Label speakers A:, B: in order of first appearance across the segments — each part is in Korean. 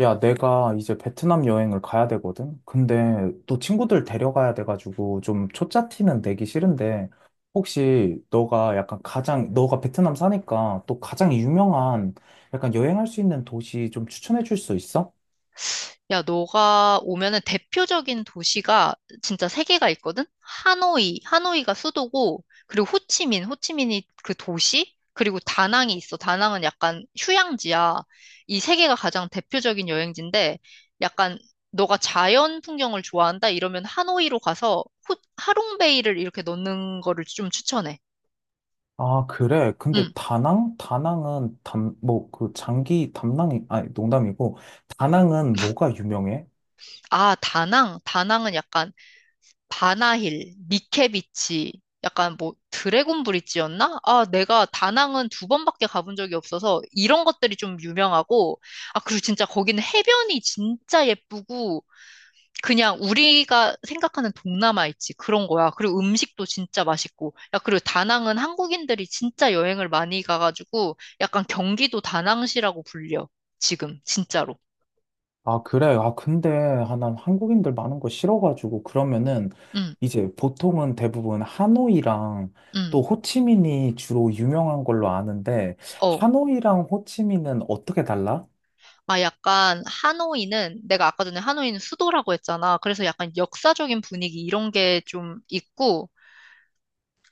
A: 야, 내가 이제 베트남 여행을 가야 되거든? 근데 또 친구들 데려가야 돼가지고 좀 초짜 티는 내기 싫은데. 혹시 너가 약간 가장, 너가 베트남 사니까 또 가장 유명한 약간 여행할 수 있는 도시 좀 추천해 줄 수 있어?
B: 야, 너가 오면은 대표적인 도시가 진짜 세 개가 있거든? 하노이, 하노이가 수도고, 그리고 호치민, 호치민이 그 도시, 그리고 다낭이 있어. 다낭은 약간 휴양지야. 이 세 개가 가장 대표적인 여행지인데, 약간 너가 자연 풍경을 좋아한다? 이러면 하노이로 가서 하롱베이를 이렇게 넣는 거를 좀 추천해.
A: 아, 그래. 근데
B: 음.
A: 다낭? 다낭은 담, 뭐 그 장기 담낭이, 아니, 농담이고. 다낭은 뭐가 유명해?
B: 아, 다낭. 다낭은 약간 바나힐, 니케비치, 약간 뭐 드래곤 브릿지였나? 아, 내가 다낭은 두 번밖에 가본 적이 없어서 이런 것들이 좀 유명하고, 아, 그리고 진짜 거기는 해변이 진짜 예쁘고, 그냥 우리가 생각하는 동남아 있지, 그런 거야. 그리고 음식도 진짜 맛있고, 야, 그리고 다낭은 한국인들이 진짜 여행을 많이 가가지고, 약간 경기도 다낭시라고 불려, 지금, 진짜로.
A: 아, 그래. 아, 근데, 아, 난 한국인들 많은 거 싫어가지고, 그러면은,
B: 응,
A: 이제 보통은 대부분 하노이랑 또
B: 응,
A: 호치민이 주로 유명한 걸로 아는데,
B: 어.
A: 하노이랑 호치민은 어떻게 달라?
B: 아, 약간 하노이는 내가 아까 전에 하노이는 수도라고 했잖아. 그래서 약간 역사적인 분위기 이런 게 좀 있고,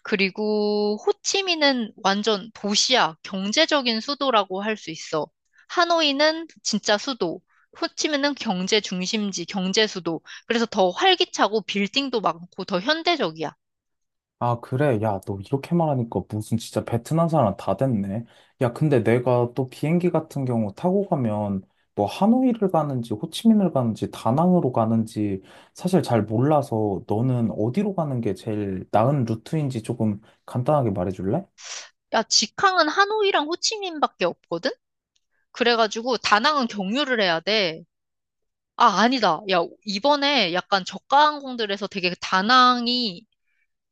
B: 그리고 호치민은 완전 도시야. 경제적인 수도라고 할 수 있어. 하노이는 진짜 수도. 호치민은 경제 중심지, 경제 수도. 그래서 더 활기차고 빌딩도 많고 더 현대적이야.
A: 아, 그래. 야, 너 이렇게 말하니까 무슨 진짜 베트남 사람 다 됐네. 야, 근데 내가 또 비행기 같은 경우 타고 가면 뭐 하노이를 가는지 호치민을 가는지 다낭으로 가는지 사실 잘 몰라서 너는 어디로 가는 게 제일 나은 루트인지 조금 간단하게 말해줄래?
B: 야, 직항은 하노이랑 호치민밖에 없거든? 그래가지고 다낭은 경유를 해야 돼. 아, 아니다. 야, 이번에 약간 저가 항공들에서 되게 다낭이,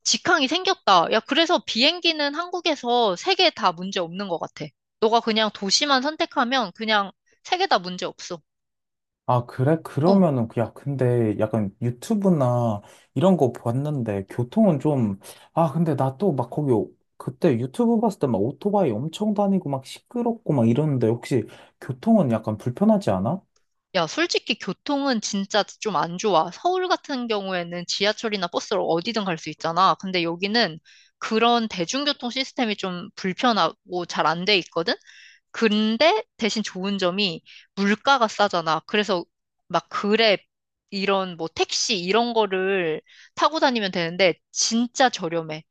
B: 직항이 생겼다. 야, 그래서 비행기는 한국에서 세 개 다 문제 없는 것 같아. 너가 그냥 도시만 선택하면 그냥 세 개 다 문제 없어.
A: 아, 그래?
B: 어.
A: 그러면은, 그 야, 근데 약간 유튜브나 이런 거 봤는데, 교통은 좀, 아, 근데 나 또 막 거기, 그때 유튜브 봤을 때 막 오토바이 엄청 다니고 막 시끄럽고 막 이러는데, 혹시 교통은 약간 불편하지 않아?
B: 야, 솔직히 교통은 진짜 좀 안 좋아. 서울 같은 경우에는 지하철이나 버스로 어디든 갈 수 있잖아. 근데 여기는 그런 대중교통 시스템이 좀 불편하고 잘 안 돼 있거든? 근데 대신 좋은 점이 물가가 싸잖아. 그래서 막 그랩 이런 뭐 택시 이런 거를 타고 다니면 되는데 진짜 저렴해.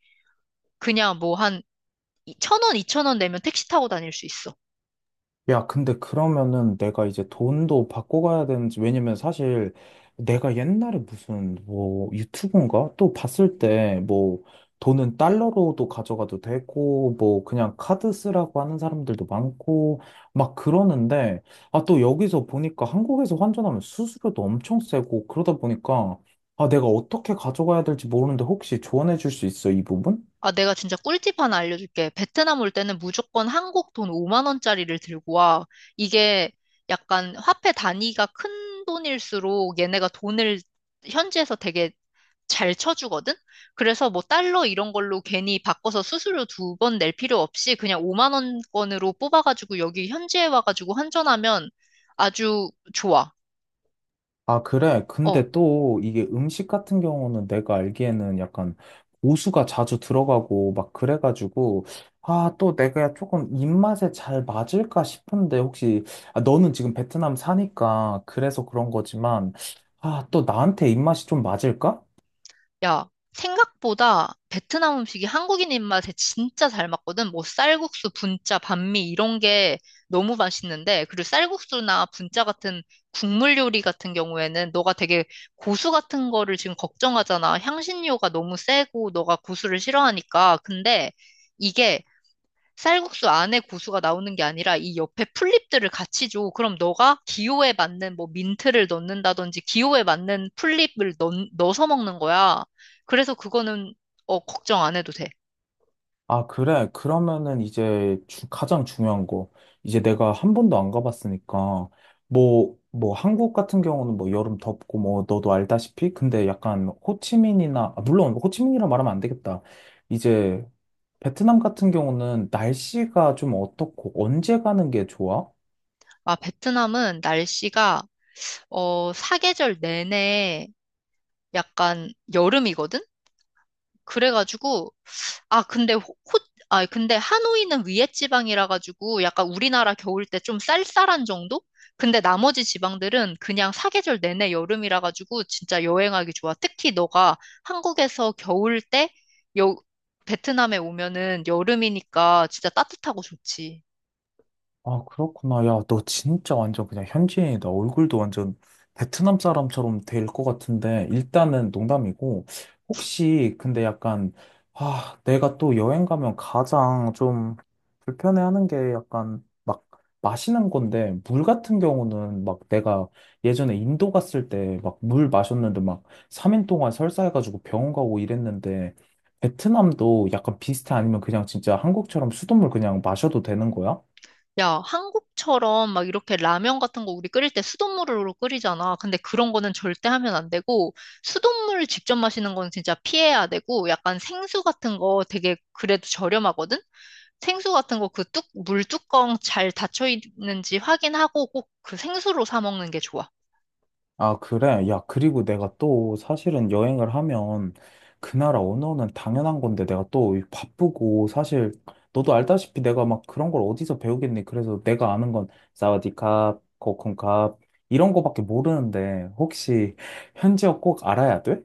B: 그냥 뭐 한 천 원, 이천 원 내면 택시 타고 다닐 수 있어.
A: 야, 근데 그러면은 내가 이제 돈도 받고 가야 되는지, 왜냐면 사실 내가 옛날에 무슨 뭐 유튜브인가? 또 봤을 때 뭐 돈은 달러로도 가져가도 되고, 뭐 그냥 카드 쓰라고 하는 사람들도 많고, 막 그러는데, 아, 또 여기서 보니까 한국에서 환전하면 수수료도 엄청 세고, 그러다 보니까, 아, 내가 어떻게 가져가야 될지 모르는데 혹시 조언해 줄 수 있어, 이 부분?
B: 아, 내가 진짜 꿀팁 하나 알려줄게. 베트남 올 때는 무조건 한국 돈 5만 원짜리를 들고 와. 이게 약간 화폐 단위가 큰 돈일수록 얘네가 돈을 현지에서 되게 잘 쳐주거든? 그래서 뭐 달러 이런 걸로 괜히 바꿔서 수수료 두 번 낼 필요 없이 그냥 5만 원권으로 뽑아가지고 여기 현지에 와가지고 환전하면 아주 좋아.
A: 아, 그래.
B: 어.
A: 근데 또 이게 음식 같은 경우는 내가 알기에는 약간 고수가 자주 들어가고 막 그래가지고, 아, 또 내가 조금 입맛에 잘 맞을까 싶은데 혹시, 아, 너는 지금 베트남 사니까 그래서 그런 거지만, 아, 또 나한테 입맛이 좀 맞을까?
B: 야, 생각보다 베트남 음식이 한국인 입맛에 진짜 잘 맞거든. 뭐 쌀국수, 분짜, 반미 이런 게 너무 맛있는데, 그리고 쌀국수나 분짜 같은 국물 요리 같은 경우에는 너가 되게 고수 같은 거를 지금 걱정하잖아. 향신료가 너무 세고 너가 고수를 싫어하니까. 근데 이게 쌀국수 안에 고수가 나오는 게 아니라 이 옆에 풀잎들을 같이 줘. 그럼 너가 기호에 맞는 뭐 민트를 넣는다든지 기호에 맞는 풀잎을 넣어서 먹는 거야. 그래서 그거는 어, 걱정 안 해도 돼.
A: 아, 그래. 그러면은 이제 가장 중요한 거. 이제 내가 한 번도 안 가봤으니까. 뭐 한국 같은 경우는 뭐 여름 덥고 뭐 너도 알다시피. 근데 약간 호치민이나, 아, 물론 호치민이라 말하면 안 되겠다. 이제 베트남 같은 경우는 날씨가 좀 어떻고 언제 가는 게 좋아?
B: 아, 베트남은 날씨가 어, 사계절 내내 약간 여름이거든? 그래가지고 아, 근데 호, 호- 아, 근데 하노이는 위에 지방이라 가지고 약간 우리나라 겨울 때 좀 쌀쌀한 정도? 근데 나머지 지방들은 그냥 사계절 내내 여름이라 가지고 진짜 여행하기 좋아. 특히 너가 한국에서 겨울 때 여, 베트남에 오면은 여름이니까 진짜 따뜻하고 좋지.
A: 아, 그렇구나. 야, 너 진짜 완전 그냥 현지인이다. 얼굴도 완전 베트남 사람처럼 될 것 같은데, 일단은 농담이고, 혹시, 근데 약간, 아, 내가 또 여행 가면 가장 좀 불편해하는 게 약간 막 마시는 건데, 물 같은 경우는 막 내가 예전에 인도 갔을 때 막 물 마셨는데 막 3일 동안 설사해가지고 병원 가고 이랬는데, 베트남도 약간 비슷해? 아니면 그냥 진짜 한국처럼 수돗물 그냥 마셔도 되는 거야?
B: 야, 한국처럼 막 이렇게 라면 같은 거 우리 끓일 때 수돗물로 끓이잖아. 근데 그런 거는 절대 하면 안 되고, 수돗물 직접 마시는 건 진짜 피해야 되고, 약간 생수 같은 거 되게 그래도 저렴하거든? 생수 같은 거 물 뚜껑 잘 닫혀 있는지 확인하고 꼭 그 생수로 사 먹는 게 좋아.
A: 아, 그래. 야, 그리고 내가 또 사실은 여행을 하면 그 나라 언어는 당연한 건데 내가 또 바쁘고 사실 너도 알다시피 내가 막 그런 걸 어디서 배우겠니? 그래서 내가 아는 건 사와디캅, 코쿤캅 이런 거밖에 모르는데 혹시 현지어 꼭 알아야 돼?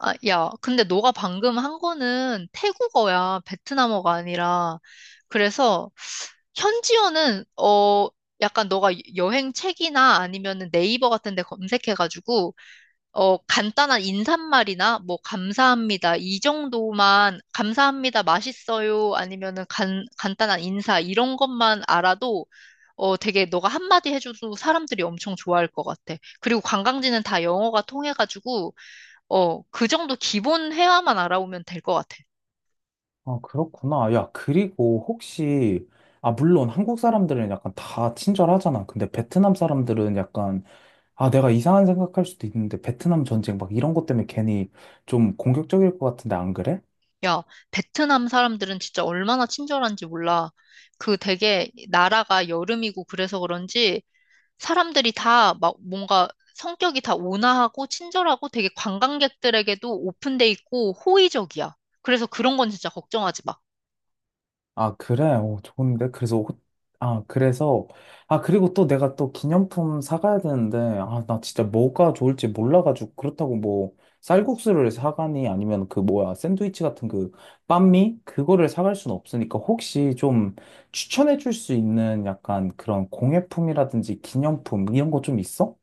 B: 아, 야, 근데 너가 방금 한 거는 태국어야. 베트남어가 아니라. 그래서 현지어는 어 약간 너가 여행 책이나 아니면은 네이버 같은 데 검색해가지고 어 간단한 인사말이나 뭐 감사합니다 이 정도만 감사합니다 맛있어요 아니면은 간 간단한 인사 이런 것만 알아도 어 되게 너가 한마디 해줘도 사람들이 엄청 좋아할 것 같아. 그리고 관광지는 다 영어가 통해가지고 어, 그 정도 기본 회화만 알아오면 될 것 같아.
A: 아, 그렇구나. 야, 그리고 혹시, 아, 물론 한국 사람들은 약간 다 친절하잖아. 근데 베트남 사람들은 약간, 아, 내가 이상한 생각할 수도 있는데, 베트남 전쟁 막 이런 것 때문에 괜히 좀 공격적일 것 같은데, 안 그래?
B: 야, 베트남 사람들은 진짜 얼마나 친절한지 몰라. 그 되게 나라가 여름이고 그래서 그런지 사람들이 다 막 뭔가 성격이 다 온화하고 친절하고 되게 관광객들에게도 오픈돼 있고 호의적이야. 그래서 그런 건 진짜 걱정하지 마.
A: 아, 그래? 어, 좋은데? 아, 그래서, 아, 그리고 또 내가 또 기념품 사가야 되는데, 아, 나 진짜 뭐가 좋을지 몰라가지고, 그렇다고 뭐, 쌀국수를 사가니, 아니면 그 뭐야, 샌드위치 같은 그, 빤미? 그거를 사갈 순 없으니까, 혹시 좀 추천해 줄 수 있는 약간 그런 공예품이라든지 기념품, 이런 거 좀 있어?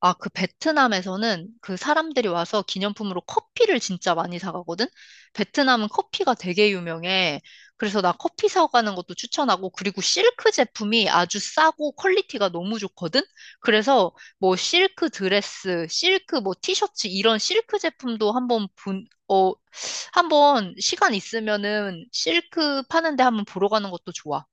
B: 아, 그 베트남에서는 그 사람들이 와서 기념품으로 커피를 진짜 많이 사가거든? 베트남은 커피가 되게 유명해. 그래서 나 커피 사가는 것도 추천하고, 그리고 실크 제품이 아주 싸고 퀄리티가 너무 좋거든? 그래서 뭐 실크 드레스, 실크 뭐 티셔츠 이런 실크 제품도 한번 시간 있으면은 실크 파는데 한번 보러 가는 것도 좋아.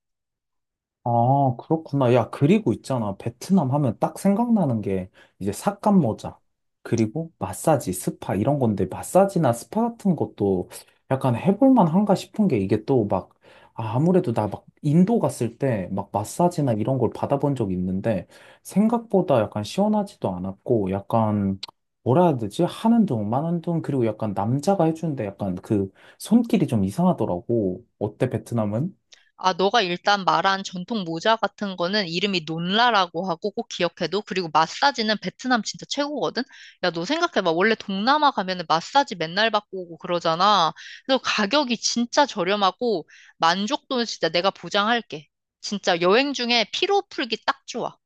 A: 아, 그렇구나. 야, 그리고 있잖아. 베트남 하면 딱 생각나는 게 이제 삭감 모자, 그리고 마사지, 스파 이런 건데 마사지나 스파 같은 것도 약간 해볼 만한가 싶은 게 이게 또 막, 아, 아무래도 나 막 인도 갔을 때 막 마사지나 이런 걸 받아본 적이 있는데 생각보다 약간 시원하지도 않았고 약간 뭐라 해야 되지? 하는 둥, 마는 둥, 그리고 약간 남자가 해주는데 약간 그 손길이 좀 이상하더라고. 어때, 베트남은?
B: 아, 너가 일단 말한 전통 모자 같은 거는 이름이 논라라고 하고 꼭 기억해둬. 그리고 마사지는 베트남 진짜 최고거든? 야, 너 생각해봐. 원래 동남아 가면은 마사지 맨날 받고 오고 그러잖아. 그래서 가격이 진짜 저렴하고 만족도는 진짜 내가 보장할게. 진짜 여행 중에 피로 풀기 딱 좋아.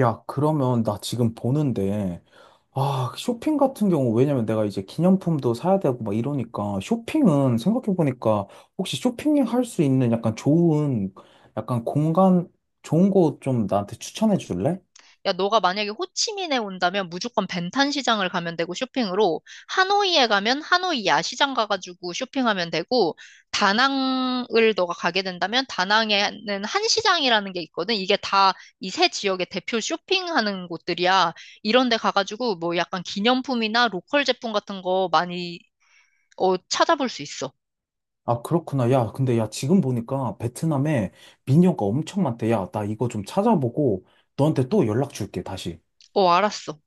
A: 야, 그러면 나 지금 보는데, 아, 쇼핑 같은 경우, 왜냐면 내가 이제 기념품도 사야 되고 막 이러니까, 쇼핑은 생각해보니까, 혹시 쇼핑할 수 있는 약간 좋은, 약간 공간, 좋은 곳 좀 나한테 추천해 줄래?
B: 야, 너가 만약에 호치민에 온다면 무조건 벤탄 시장을 가면 되고 쇼핑으로, 하노이에 가면 하노이 야시장 가가지고 쇼핑하면 되고, 다낭을 너가 가게 된다면 다낭에는 한시장이라는 게 있거든. 이게 다 이세 지역의 대표 쇼핑하는 곳들이야. 이런 데 가가지고 뭐 약간 기념품이나 로컬 제품 같은 거 많이 어, 찾아볼 수 있어.
A: 아, 그렇구나. 야, 근데 야, 지금 보니까 베트남에 미녀가 엄청 많대. 야, 나 이거 좀 찾아보고, 너한테 또 연락 줄게, 다시.
B: 어, 알았어.